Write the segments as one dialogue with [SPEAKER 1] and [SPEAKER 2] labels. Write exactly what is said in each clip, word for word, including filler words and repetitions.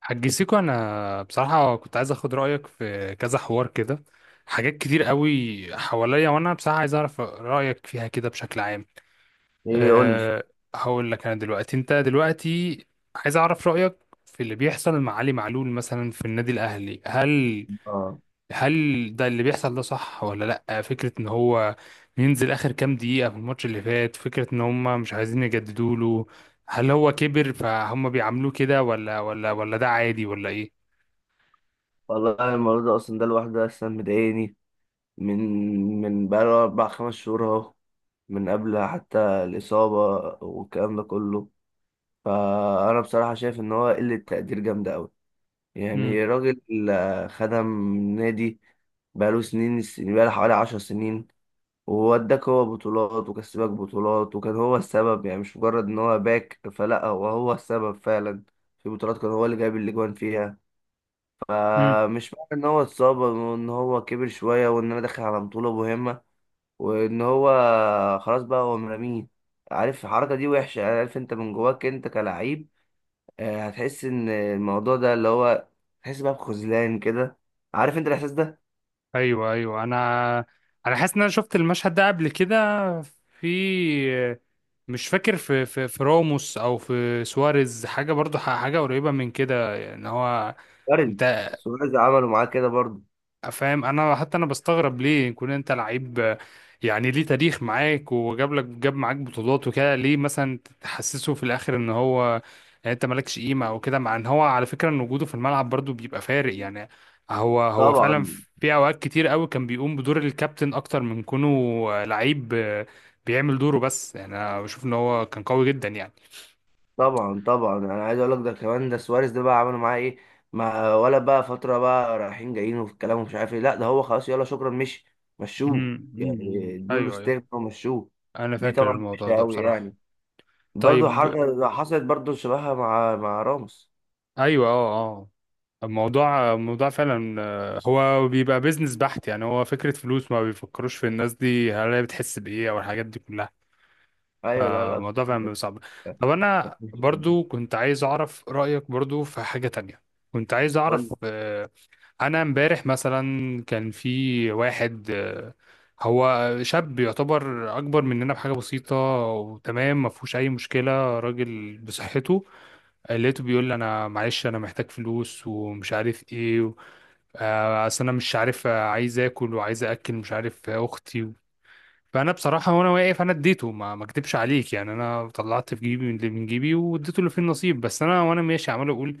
[SPEAKER 1] حاج سيكو، انا بصراحه كنت عايز اخد رايك في كذا حوار كده. حاجات كتير قوي حواليا، وانا بصراحه عايز اعرف رايك فيها كده بشكل عام.
[SPEAKER 2] ايه قول لي.
[SPEAKER 1] أه، هقول لك. انا دلوقتي انت دلوقتي عايز اعرف رايك في اللي بيحصل مع علي معلول مثلا في النادي الاهلي. هل
[SPEAKER 2] اه
[SPEAKER 1] هل ده اللي بيحصل ده صح ولا لا؟ فكره ان هو ينزل اخر كام دقيقه في الماتش اللي فات، فكره ان هم مش عايزين يجددوا له. هل هو كبر فهم بيعاملوه كده، ولا ولا ولا ده عادي، ولا ايه؟
[SPEAKER 2] والله أنا الموضوع ده اصلا ده لوحده اصلا مضايقني من من بقاله اربع خمس شهور اهو، من قبل حتى الاصابه والكلام ده كله. فانا بصراحه شايف ان هو قله تقدير جامده قوي.
[SPEAKER 1] امم
[SPEAKER 2] يعني راجل، آه، خدم نادي بقاله سنين، السنين بقاله حوالي عشر سنين، ووداك هو بطولات وكسبك بطولات، وكان هو السبب، يعني مش مجرد ان هو باك فلا، هو هو السبب فعلا في بطولات، كان هو اللي جايب الاجوان فيها.
[SPEAKER 1] امم
[SPEAKER 2] فمش معنى ان هو اتصاب وان هو كبر شويه وان انا داخل على بطوله مهمه وان هو خلاص بقى هو مرميه. عارف الحركه دي وحشه، يعني عارف انت من جواك انت كلاعب، آه، هتحس ان الموضوع ده اللي هو، تحس بقى بخذلان كده. عارف انت الاحساس ده؟
[SPEAKER 1] ايوه، ايوه، انا انا حاسس ان انا شفت المشهد ده قبل كده. في مش فاكر في في في راموس او في سواريز حاجه، برضو ح- حاجه قريبه من كده. ان هو
[SPEAKER 2] وارد.
[SPEAKER 1] انت
[SPEAKER 2] سواريز عمله معاه كده برضه.
[SPEAKER 1] فاهم؟ انا حتى انا بستغرب ليه يكون انت لعيب، آه، يعني ليه تاريخ معاك وجاب لك جاب معاك بطولات وكده، ليه مثلا تحسسه في الاخر ان هو يعني انت مالكش قيمه او كده. مع ان هو على فكره ان وجوده في الملعب برضو بيبقى فارق يعني. هو هو فعلا
[SPEAKER 2] طبعا
[SPEAKER 1] في اوقات كتير قوي كان بيقوم بدور الكابتن اكتر من كونه آه، لعيب آه، بيعمل دوره بس، يعني انا بشوف ان هو كان قوي جدا يعني.
[SPEAKER 2] طبعا. طبعا انا عايز اقول لك ده كمان، ده سواريز ده بقى عملوا معاه ايه؟ ما ولا بقى فتره بقى رايحين جايين وفي الكلام ومش عارف ايه، لا ده هو خلاص يلا شكرا، مشي، مشوه.
[SPEAKER 1] امم أمم، أمم.
[SPEAKER 2] يعني ادوا له
[SPEAKER 1] ايوه، ايوه،
[SPEAKER 2] استغنى ومشوه.
[SPEAKER 1] انا
[SPEAKER 2] دي
[SPEAKER 1] فاكر
[SPEAKER 2] طبعا
[SPEAKER 1] الموضوع
[SPEAKER 2] وحشه
[SPEAKER 1] ده
[SPEAKER 2] قوي
[SPEAKER 1] بصراحه.
[SPEAKER 2] يعني. برضو
[SPEAKER 1] طيب.
[SPEAKER 2] حركه حصلت برضو شبهها مع مع راموس.
[SPEAKER 1] ايوه، اه، اه. الموضوع الموضوع فعلا آه، هو بيبقى بيزنس بحت، يعني هو فكرة فلوس، ما بيفكروش في الناس دي هل هي بتحس بإيه أو الحاجات دي كلها.
[SPEAKER 2] ايوه، لا لا، بصراحة
[SPEAKER 1] فالموضوع فعلا بيبقى
[SPEAKER 2] كانت-
[SPEAKER 1] صعب. طب
[SPEAKER 2] كانت
[SPEAKER 1] أنا
[SPEAKER 2] وحشة جداً.
[SPEAKER 1] برضو كنت عايز أعرف رأيك برضو في حاجة تانية. كنت عايز
[SPEAKER 2] قول
[SPEAKER 1] أعرف،
[SPEAKER 2] لي.
[SPEAKER 1] آه، أنا امبارح مثلا كان في واحد، آه، هو شاب يعتبر أكبر مننا بحاجة بسيطة، وتمام، ما فيهوش أي مشكلة، راجل بصحته. لقيته بيقول لي أنا معلش أنا محتاج فلوس ومش عارف إيه، آه، اصل انا مش عارف آه، عايز اكل وعايز اكل مش عارف، آه، اختي و... فانا بصراحه وانا واقف انا اديته، ما ما اكدبش عليك يعني، انا طلعت في جيبي من اللي من جيبي واديته اللي فيه النصيب. بس انا وانا ماشي عمال اقول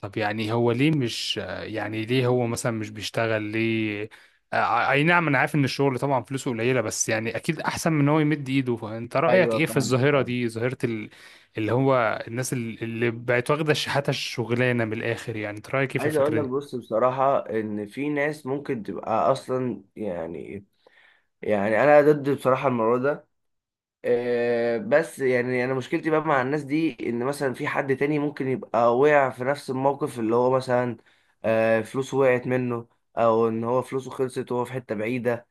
[SPEAKER 1] طب يعني هو ليه مش آه، يعني ليه هو مثلا مش بيشتغل؟ ليه؟ آه، اي نعم انا عارف ان الشغل طبعا فلوسه قليله، بس يعني اكيد احسن من ان هو يمد ايده. فانت رايك
[SPEAKER 2] ايوه
[SPEAKER 1] ايه في
[SPEAKER 2] فاهم
[SPEAKER 1] الظاهره
[SPEAKER 2] فاهم.
[SPEAKER 1] دي، ظاهره ال... اللي هو الناس اللي اللي بقت واخده شحاته الشغلانه من الاخر؟ يعني انت رايك ايه في
[SPEAKER 2] عايز اقول
[SPEAKER 1] الفكره
[SPEAKER 2] لك،
[SPEAKER 1] دي؟
[SPEAKER 2] بص بصراحه ان في ناس ممكن تبقى اصلا، يعني يعني انا ضد بصراحه الموضوع ده. آه، بس يعني انا مشكلتي بقى مع الناس دي، ان مثلا في حد تاني ممكن يبقى وقع في نفس الموقف، اللي هو مثلا آه، فلوسه وقعت منه او ان هو فلوسه خلصت وهو في حتة بعيدة.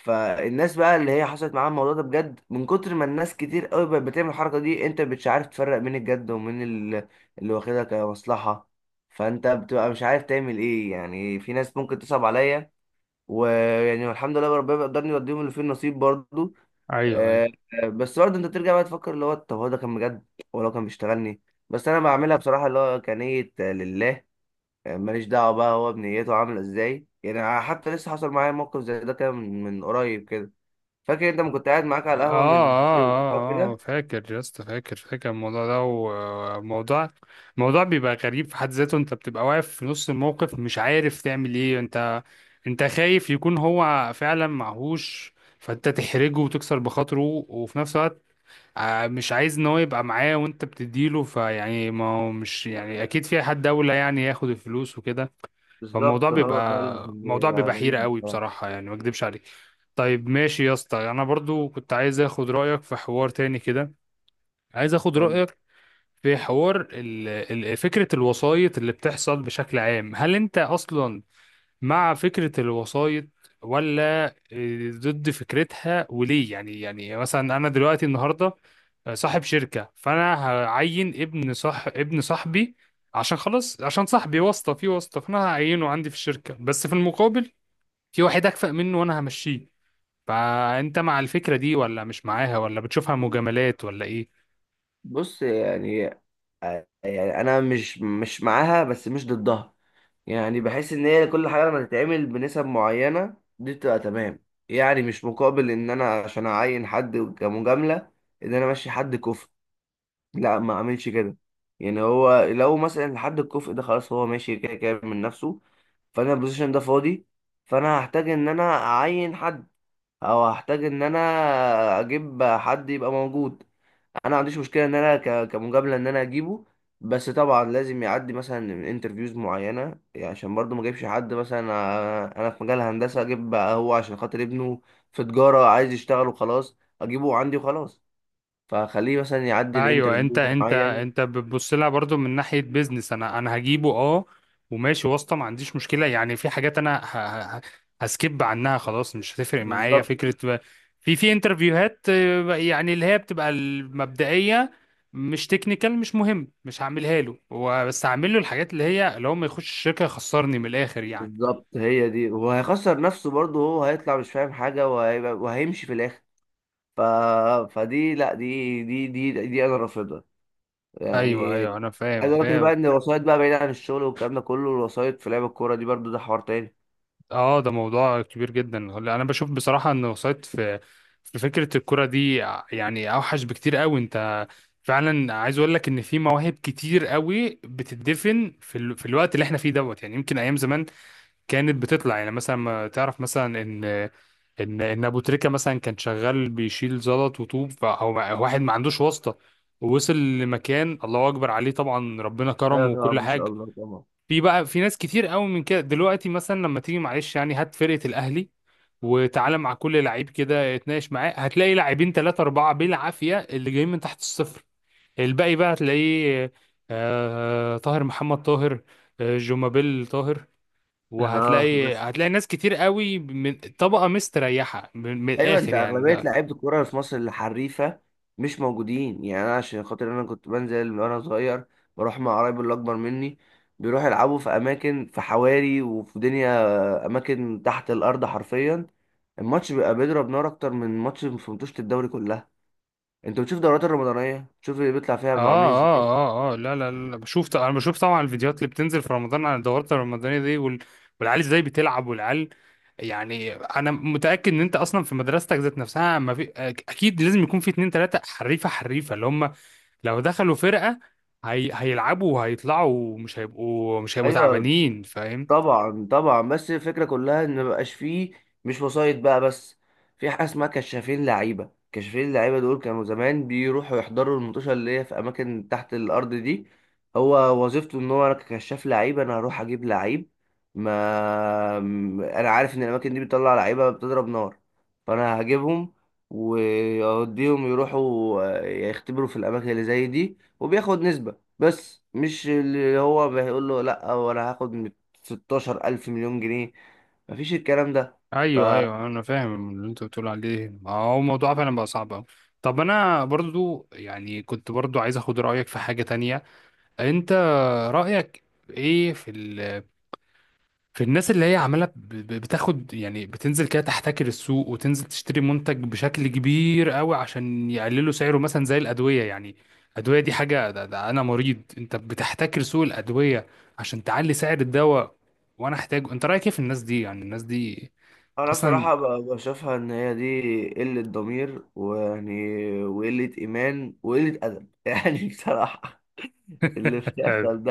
[SPEAKER 2] فالناس بقى اللي هي حصلت معاها الموضوع ده بجد، من كتر ما الناس كتير قوي بقت بتعمل الحركة دي، انت مش عارف تفرق بين الجد ومين ال- اللي واخدها كمصلحة. فانت بتبقى مش عارف تعمل ايه، يعني في ناس ممكن تصعب عليا، ويعني الحمد لله ربنا بيقدرني يوديهم اللي فيه النصيب برضو.
[SPEAKER 1] ايوه، ايوه،
[SPEAKER 2] آه، آه، بس برضه انت ترجع بقى تفكر، اللي هو طب هو ده كان بجد ولا هو لو كان بيشتغلني؟ بس انا بعملها بصراحه اللي هو كنية آه، لله. آه، ماليش دعوه بقى هو بنيته عامله ازاي، يعني حتى لسه حصل معايا موقف زي ده كان من من قريب كده. فاكر انت ما كنت قاعد معاك
[SPEAKER 1] اه،
[SPEAKER 2] على القهوه؟ من أيوة.
[SPEAKER 1] اه، اه، آه،
[SPEAKER 2] كده
[SPEAKER 1] فاكر يا اسطى، فاكر فاكر الموضوع ده. وموضوع موضوع بيبقى غريب في حد ذاته، انت بتبقى واقف في نص الموقف مش عارف تعمل ايه. انت انت خايف يكون هو فعلا معهوش فانت تحرجه وتكسر بخاطره، وفي نفس الوقت آه، مش عايز ان هو يبقى معاه وانت بتديله، فيعني ما هو مش يعني اكيد في حد اولى يعني ياخد الفلوس وكده. فالموضوع
[SPEAKER 2] بالظبط، هو ده اللي
[SPEAKER 1] بيبقى موضوع،
[SPEAKER 2] بيبقى
[SPEAKER 1] بيبقى حيرة
[SPEAKER 2] غريب
[SPEAKER 1] قوي
[SPEAKER 2] بصراحه.
[SPEAKER 1] بصراحة، يعني ما اكدبش عليك. طيب ماشي يا اسطى، انا برضو كنت عايز اخد رايك في حوار تاني كده. عايز اخد رايك في حوار ال- ال- فكره الوسايط اللي بتحصل بشكل عام. هل انت اصلا مع فكره الوسايط، ولا آه، ضد فكرتها، وليه؟ يعني يعني مثلا انا دلوقتي النهارده آه، صاحب شركه، فانا هعين ابن، صح، ابن صاحبي، عشان خلاص عشان صاحبي واسطه في واسطه، فانا هعينه عندي في الشركه، بس في المقابل في واحد اكفأ منه وانا همشيه. فانت مع الفكرة دي، ولا مش معاها، ولا بتشوفها مجاملات، ولا ايه؟
[SPEAKER 2] بص يعني، يعني انا مش مش معاها بس مش ضدها. يعني بحس ان هي كل حاجه لما تتعمل بنسب معينه دي بتبقى تمام، يعني مش مقابل ان انا عشان اعين حد كمجامله ان انا امشي حد كفء، لا ما اعملش كده. يعني هو لو مثلا حد الكفء ده خلاص هو ماشي كده كده من نفسه، فانا البوزيشن ده فاضي، فانا هحتاج ان انا اعين حد، او هحتاج ان انا اجيب حد يبقى موجود. انا ما عنديش مشكله ان انا ك- كمجامله ان انا اجيبه، بس طبعا لازم يعدي مثلا من انترفيوز معينه. يعني عشان برضو ما اجيبش حد مثلا، آه، انا في مجال هندسه اجيب بقى هو عشان خاطر ابنه في تجاره عايز يشتغل وخلاص اجيبه عندي وخلاص. فخليه مثلا يعدي
[SPEAKER 1] ايوه، انت
[SPEAKER 2] الانترفيو
[SPEAKER 1] انت
[SPEAKER 2] معين.
[SPEAKER 1] انت بتبص لها برضو من ناحية بيزنس. انا انا هجيبه، اه، وماشي واسطة، ما عنديش مشكلة، يعني في حاجات انا ه... ه... هسكيب عنها خلاص، مش هتفرق معايا
[SPEAKER 2] بالظبط
[SPEAKER 1] فكرة ب... في في انترفيوهات آه، يعني اللي هي بتبقى المبدئية، مش تكنيكال مش مهم، مش هعملها له هو. بس هعمل له الحاجات اللي هي لو ما يخش الشركة يخسرني من الاخر يعني.
[SPEAKER 2] بالظبط، هي دي، وهيخسر نفسه برضو، هو هيطلع مش فاهم حاجه وهيبقى وهيمشي في الاخر. ف... فدي لا، دي دي دي دي انا رافضها
[SPEAKER 1] ايوه،
[SPEAKER 2] يعني.
[SPEAKER 1] ايوه، انا فاهم،
[SPEAKER 2] عايز اقول لك
[SPEAKER 1] فاهم.
[SPEAKER 2] بقى ان الوسايط بقى بعيدة عن الشغل والكلام ده كله، الوسايط في لعب الكورة دي برضو ده حوار تاني.
[SPEAKER 1] اه ده موضوع كبير جدا. هلا انا بشوف بصراحه ان وسط في في فكره الكره دي ع- يعني اوحش بكتير قوي. انت فعلا عايز اقول لك ان في مواهب كتير قوي بتدفن في ال... في الوقت اللي احنا فيه دوت. يعني يمكن ايام زمان كانت بتطلع، يعني مثلا ما تعرف مثلا ان ان ان ابو تريكه مثلا كان شغال بيشيل زلط وطوب، فهو واحد ما عندوش واسطه، ووصل لمكان، الله اكبر عليه طبعا، ربنا
[SPEAKER 2] ايوه
[SPEAKER 1] كرمه وكل
[SPEAKER 2] طبعا ان شاء
[SPEAKER 1] حاجه.
[SPEAKER 2] الله طبعا.
[SPEAKER 1] في بقى في ناس كتير قوي من كده دلوقتي، مثلا لما تيجي معلش يعني هات فرقة الأهلي وتعالى مع كل لعيب كده اتناقش معاه، هتلاقي لاعبين ثلاثة أربعة بالعافية اللي جايين من تحت الصفر. الباقي بقى هتلاقيه، آه طاهر محمد طاهر، آه جومابيل طاهر،
[SPEAKER 2] اه
[SPEAKER 1] وهتلاقي
[SPEAKER 2] بس،
[SPEAKER 1] هتلاقي ناس كتير قوي من طبقة مستريحة من, من
[SPEAKER 2] ايوه،
[SPEAKER 1] الآخر
[SPEAKER 2] انت اغلبيه
[SPEAKER 1] يعني.
[SPEAKER 2] لعيبه الكوره في مصر الحريفه مش موجودين. يعني انا عشان خاطر انا كنت بنزل من وانا صغير، بروح مع قرايبي اللي اكبر مني بيروحوا يلعبوا في اماكن، في حواري وفي دنيا اماكن تحت الارض حرفيا. الماتش بيبقى بيضرب نار اكتر من ماتش في ماتشات الدوري كلها. انت بتشوف الدورات الرمضانيه، تشوف اللي بيطلع فيها
[SPEAKER 1] اه،
[SPEAKER 2] عاملين ازاي.
[SPEAKER 1] اه، اه، اه، لا، لا، لا، بشوف ط- انا بشوف طبعا الفيديوهات اللي بتنزل في رمضان على الدورات الرمضانية دي وال... والعيال ازاي بتلعب، والعيال يعني، انا متأكد ان انت اصلا في مدرستك ذات نفسها ما في أك- اكيد لازم يكون في اتنين تلاتة حريفة، حريفة اللي هم لو دخلوا فرقة هي... هيلعبوا وهيطلعوا، ومش هيبقوا، مش هيبقوا
[SPEAKER 2] ايوه.
[SPEAKER 1] تعبانين. فاهم؟
[SPEAKER 2] طبعا طبعا، بس الفكره كلها ان مبقاش فيه، مش وسايط بقى بس، في حاجه اسمها كشافين لعيبه. كشافين لعيبه دول كانوا زمان بيروحوا يحضروا المنتوشه اللي هي في اماكن تحت الارض دي. هو وظيفته ان هو، انا ككشاف لعيبه انا هروح اجيب لعيب، ما م- انا عارف ان الاماكن دي بتطلع لعيبه بتضرب نار، فانا هجيبهم واوديهم يروحوا آه، يختبروا في الاماكن اللي زي دي، وبياخد نسبه، بس مش اللي هو بيقول له لا وانا هاخد ستاشر ألف مليون جنيه، مفيش الكلام ده. ف-
[SPEAKER 1] ايوه، ايوه، انا فاهم اللي انت بتقول عليه. ما هو الموضوع فعلا بقى صعب أوي. طب انا برضو يعني كنت برضو عايز اخد رايك في حاجه تانية. انت رأيك ايه في ال في الناس اللي هي عمالة ب- ب- بتاخد، يعني بتنزل كده تحتكر السوق، وتنزل تشتري منتج بشكل كبير قوي عشان يقللوا سعره، مثلا زي الأدوية يعني. الأدوية دي حاجة، ده, ده أنا مريض، انت بتحتكر سوق الأدوية عشان تعلي سعر الدواء وأنا أحتاجه. انت رأيك ايه في الناس دي؟ يعني الناس دي
[SPEAKER 2] أنا
[SPEAKER 1] أصلا.
[SPEAKER 2] بصراحة ب- بشوفها إن هي دي قلة ضمير، ويعني وقلة إيمان وقلة أدب يعني بصراحة اللي بيحصل ده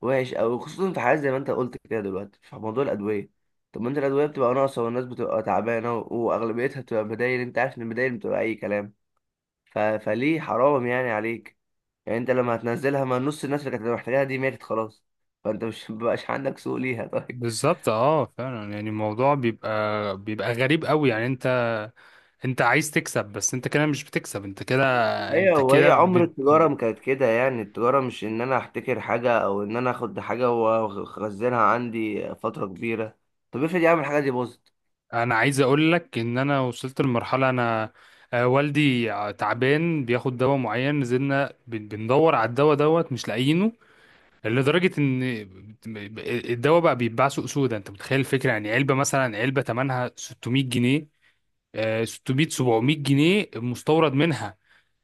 [SPEAKER 2] وحش أوي، خصوصا في حاجات زي ما أنت قلت كده دلوقتي في موضوع الأدوية. طب ما أنت الأدوية بتبقى ناقصة والناس بتبقى تعبانة و- وأغلبيتها بتبقى بدايل، أنت عارف إن البدايل بتبقى أي كلام. ف... فليه؟ حرام يعني عليك. يعني انت لما هتنزلها، ما نص الناس اللي كانت محتاجاها دي ماتت خلاص، فانت مش مبقاش عندك سوق ليها. طيب.
[SPEAKER 1] بالظبط، اه فعلا، يعني الموضوع بيبقى، بيبقى غريب قوي يعني. انت، انت عايز تكسب، بس انت كده مش بتكسب انت كده.
[SPEAKER 2] ايوه،
[SPEAKER 1] انت كده
[SPEAKER 2] وهي عمر
[SPEAKER 1] بت...
[SPEAKER 2] التجاره ما كانت كده، يعني التجاره مش ان انا احتكر حاجه او ان انا اخد حاجه واخزنها عندي فتره كبيره. طب افرض يا عم الحاجه دي باظت.
[SPEAKER 1] انا عايز اقول لك ان انا وصلت لمرحله، انا آه، والدي ع- تعبان بياخد دواء معين، نزلنا بن- بندور على الدواء دوت مش لاقيينه. لدرجه ان الدواء بقى بيتباع سوق سودا. انت متخيل الفكره؟ يعني علبه، مثلا علبه ثمنها ستمائة جنيه، آه، ستمائة سبعمية جنيه مستورد منها،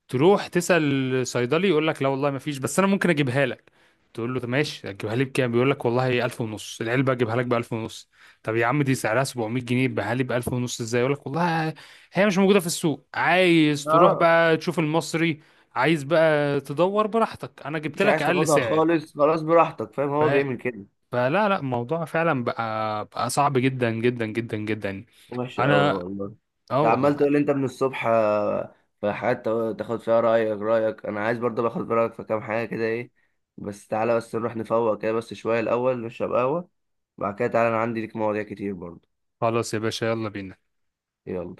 [SPEAKER 1] تروح تسأل صيدلي يقول لك لا والله ما فيش، بس انا ممكن اجيبها لك. تقول له طب ماشي، هتجيبها لي بكام؟ بيقول لك والله ألف ونص العلبه، اجيبها لك ب ألف ونص. طب يا عم دي سعرها سبعمية جنيه، بها لي ب ألف ونص ازاي؟ يقول لك والله هي مش موجوده في السوق، عايز تروح
[SPEAKER 2] اه،
[SPEAKER 1] بقى تشوف المصري، عايز بقى تدور براحتك، انا جبت
[SPEAKER 2] مش
[SPEAKER 1] لك
[SPEAKER 2] عايز
[SPEAKER 1] اقل
[SPEAKER 2] تاخدها
[SPEAKER 1] سعر.
[SPEAKER 2] خالص خلاص براحتك، فاهم،
[SPEAKER 1] ف...
[SPEAKER 2] هو بيعمل كده.
[SPEAKER 1] فلا، لا، الموضوع فعلا بقى بقى صعب جدا جدا جدا جدا.
[SPEAKER 2] وحش أوي
[SPEAKER 1] انا
[SPEAKER 2] والله.
[SPEAKER 1] اه
[SPEAKER 2] أنت عمال
[SPEAKER 1] والله.
[SPEAKER 2] تقول أنت من الصبح، آه، في حاجات تا- تاخد فيها رأيك، رأيك أنا عايز برضه باخد رأيك في كام حاجة كده إيه، بس تعالى بس نروح نفوق كده بس شوية الأول، نشرب قهوة، بعد كده تعالى أنا عندي ليك مواضيع كتير برضه.
[SPEAKER 1] خلاص يا باشا، يلا بينا.
[SPEAKER 2] يلا.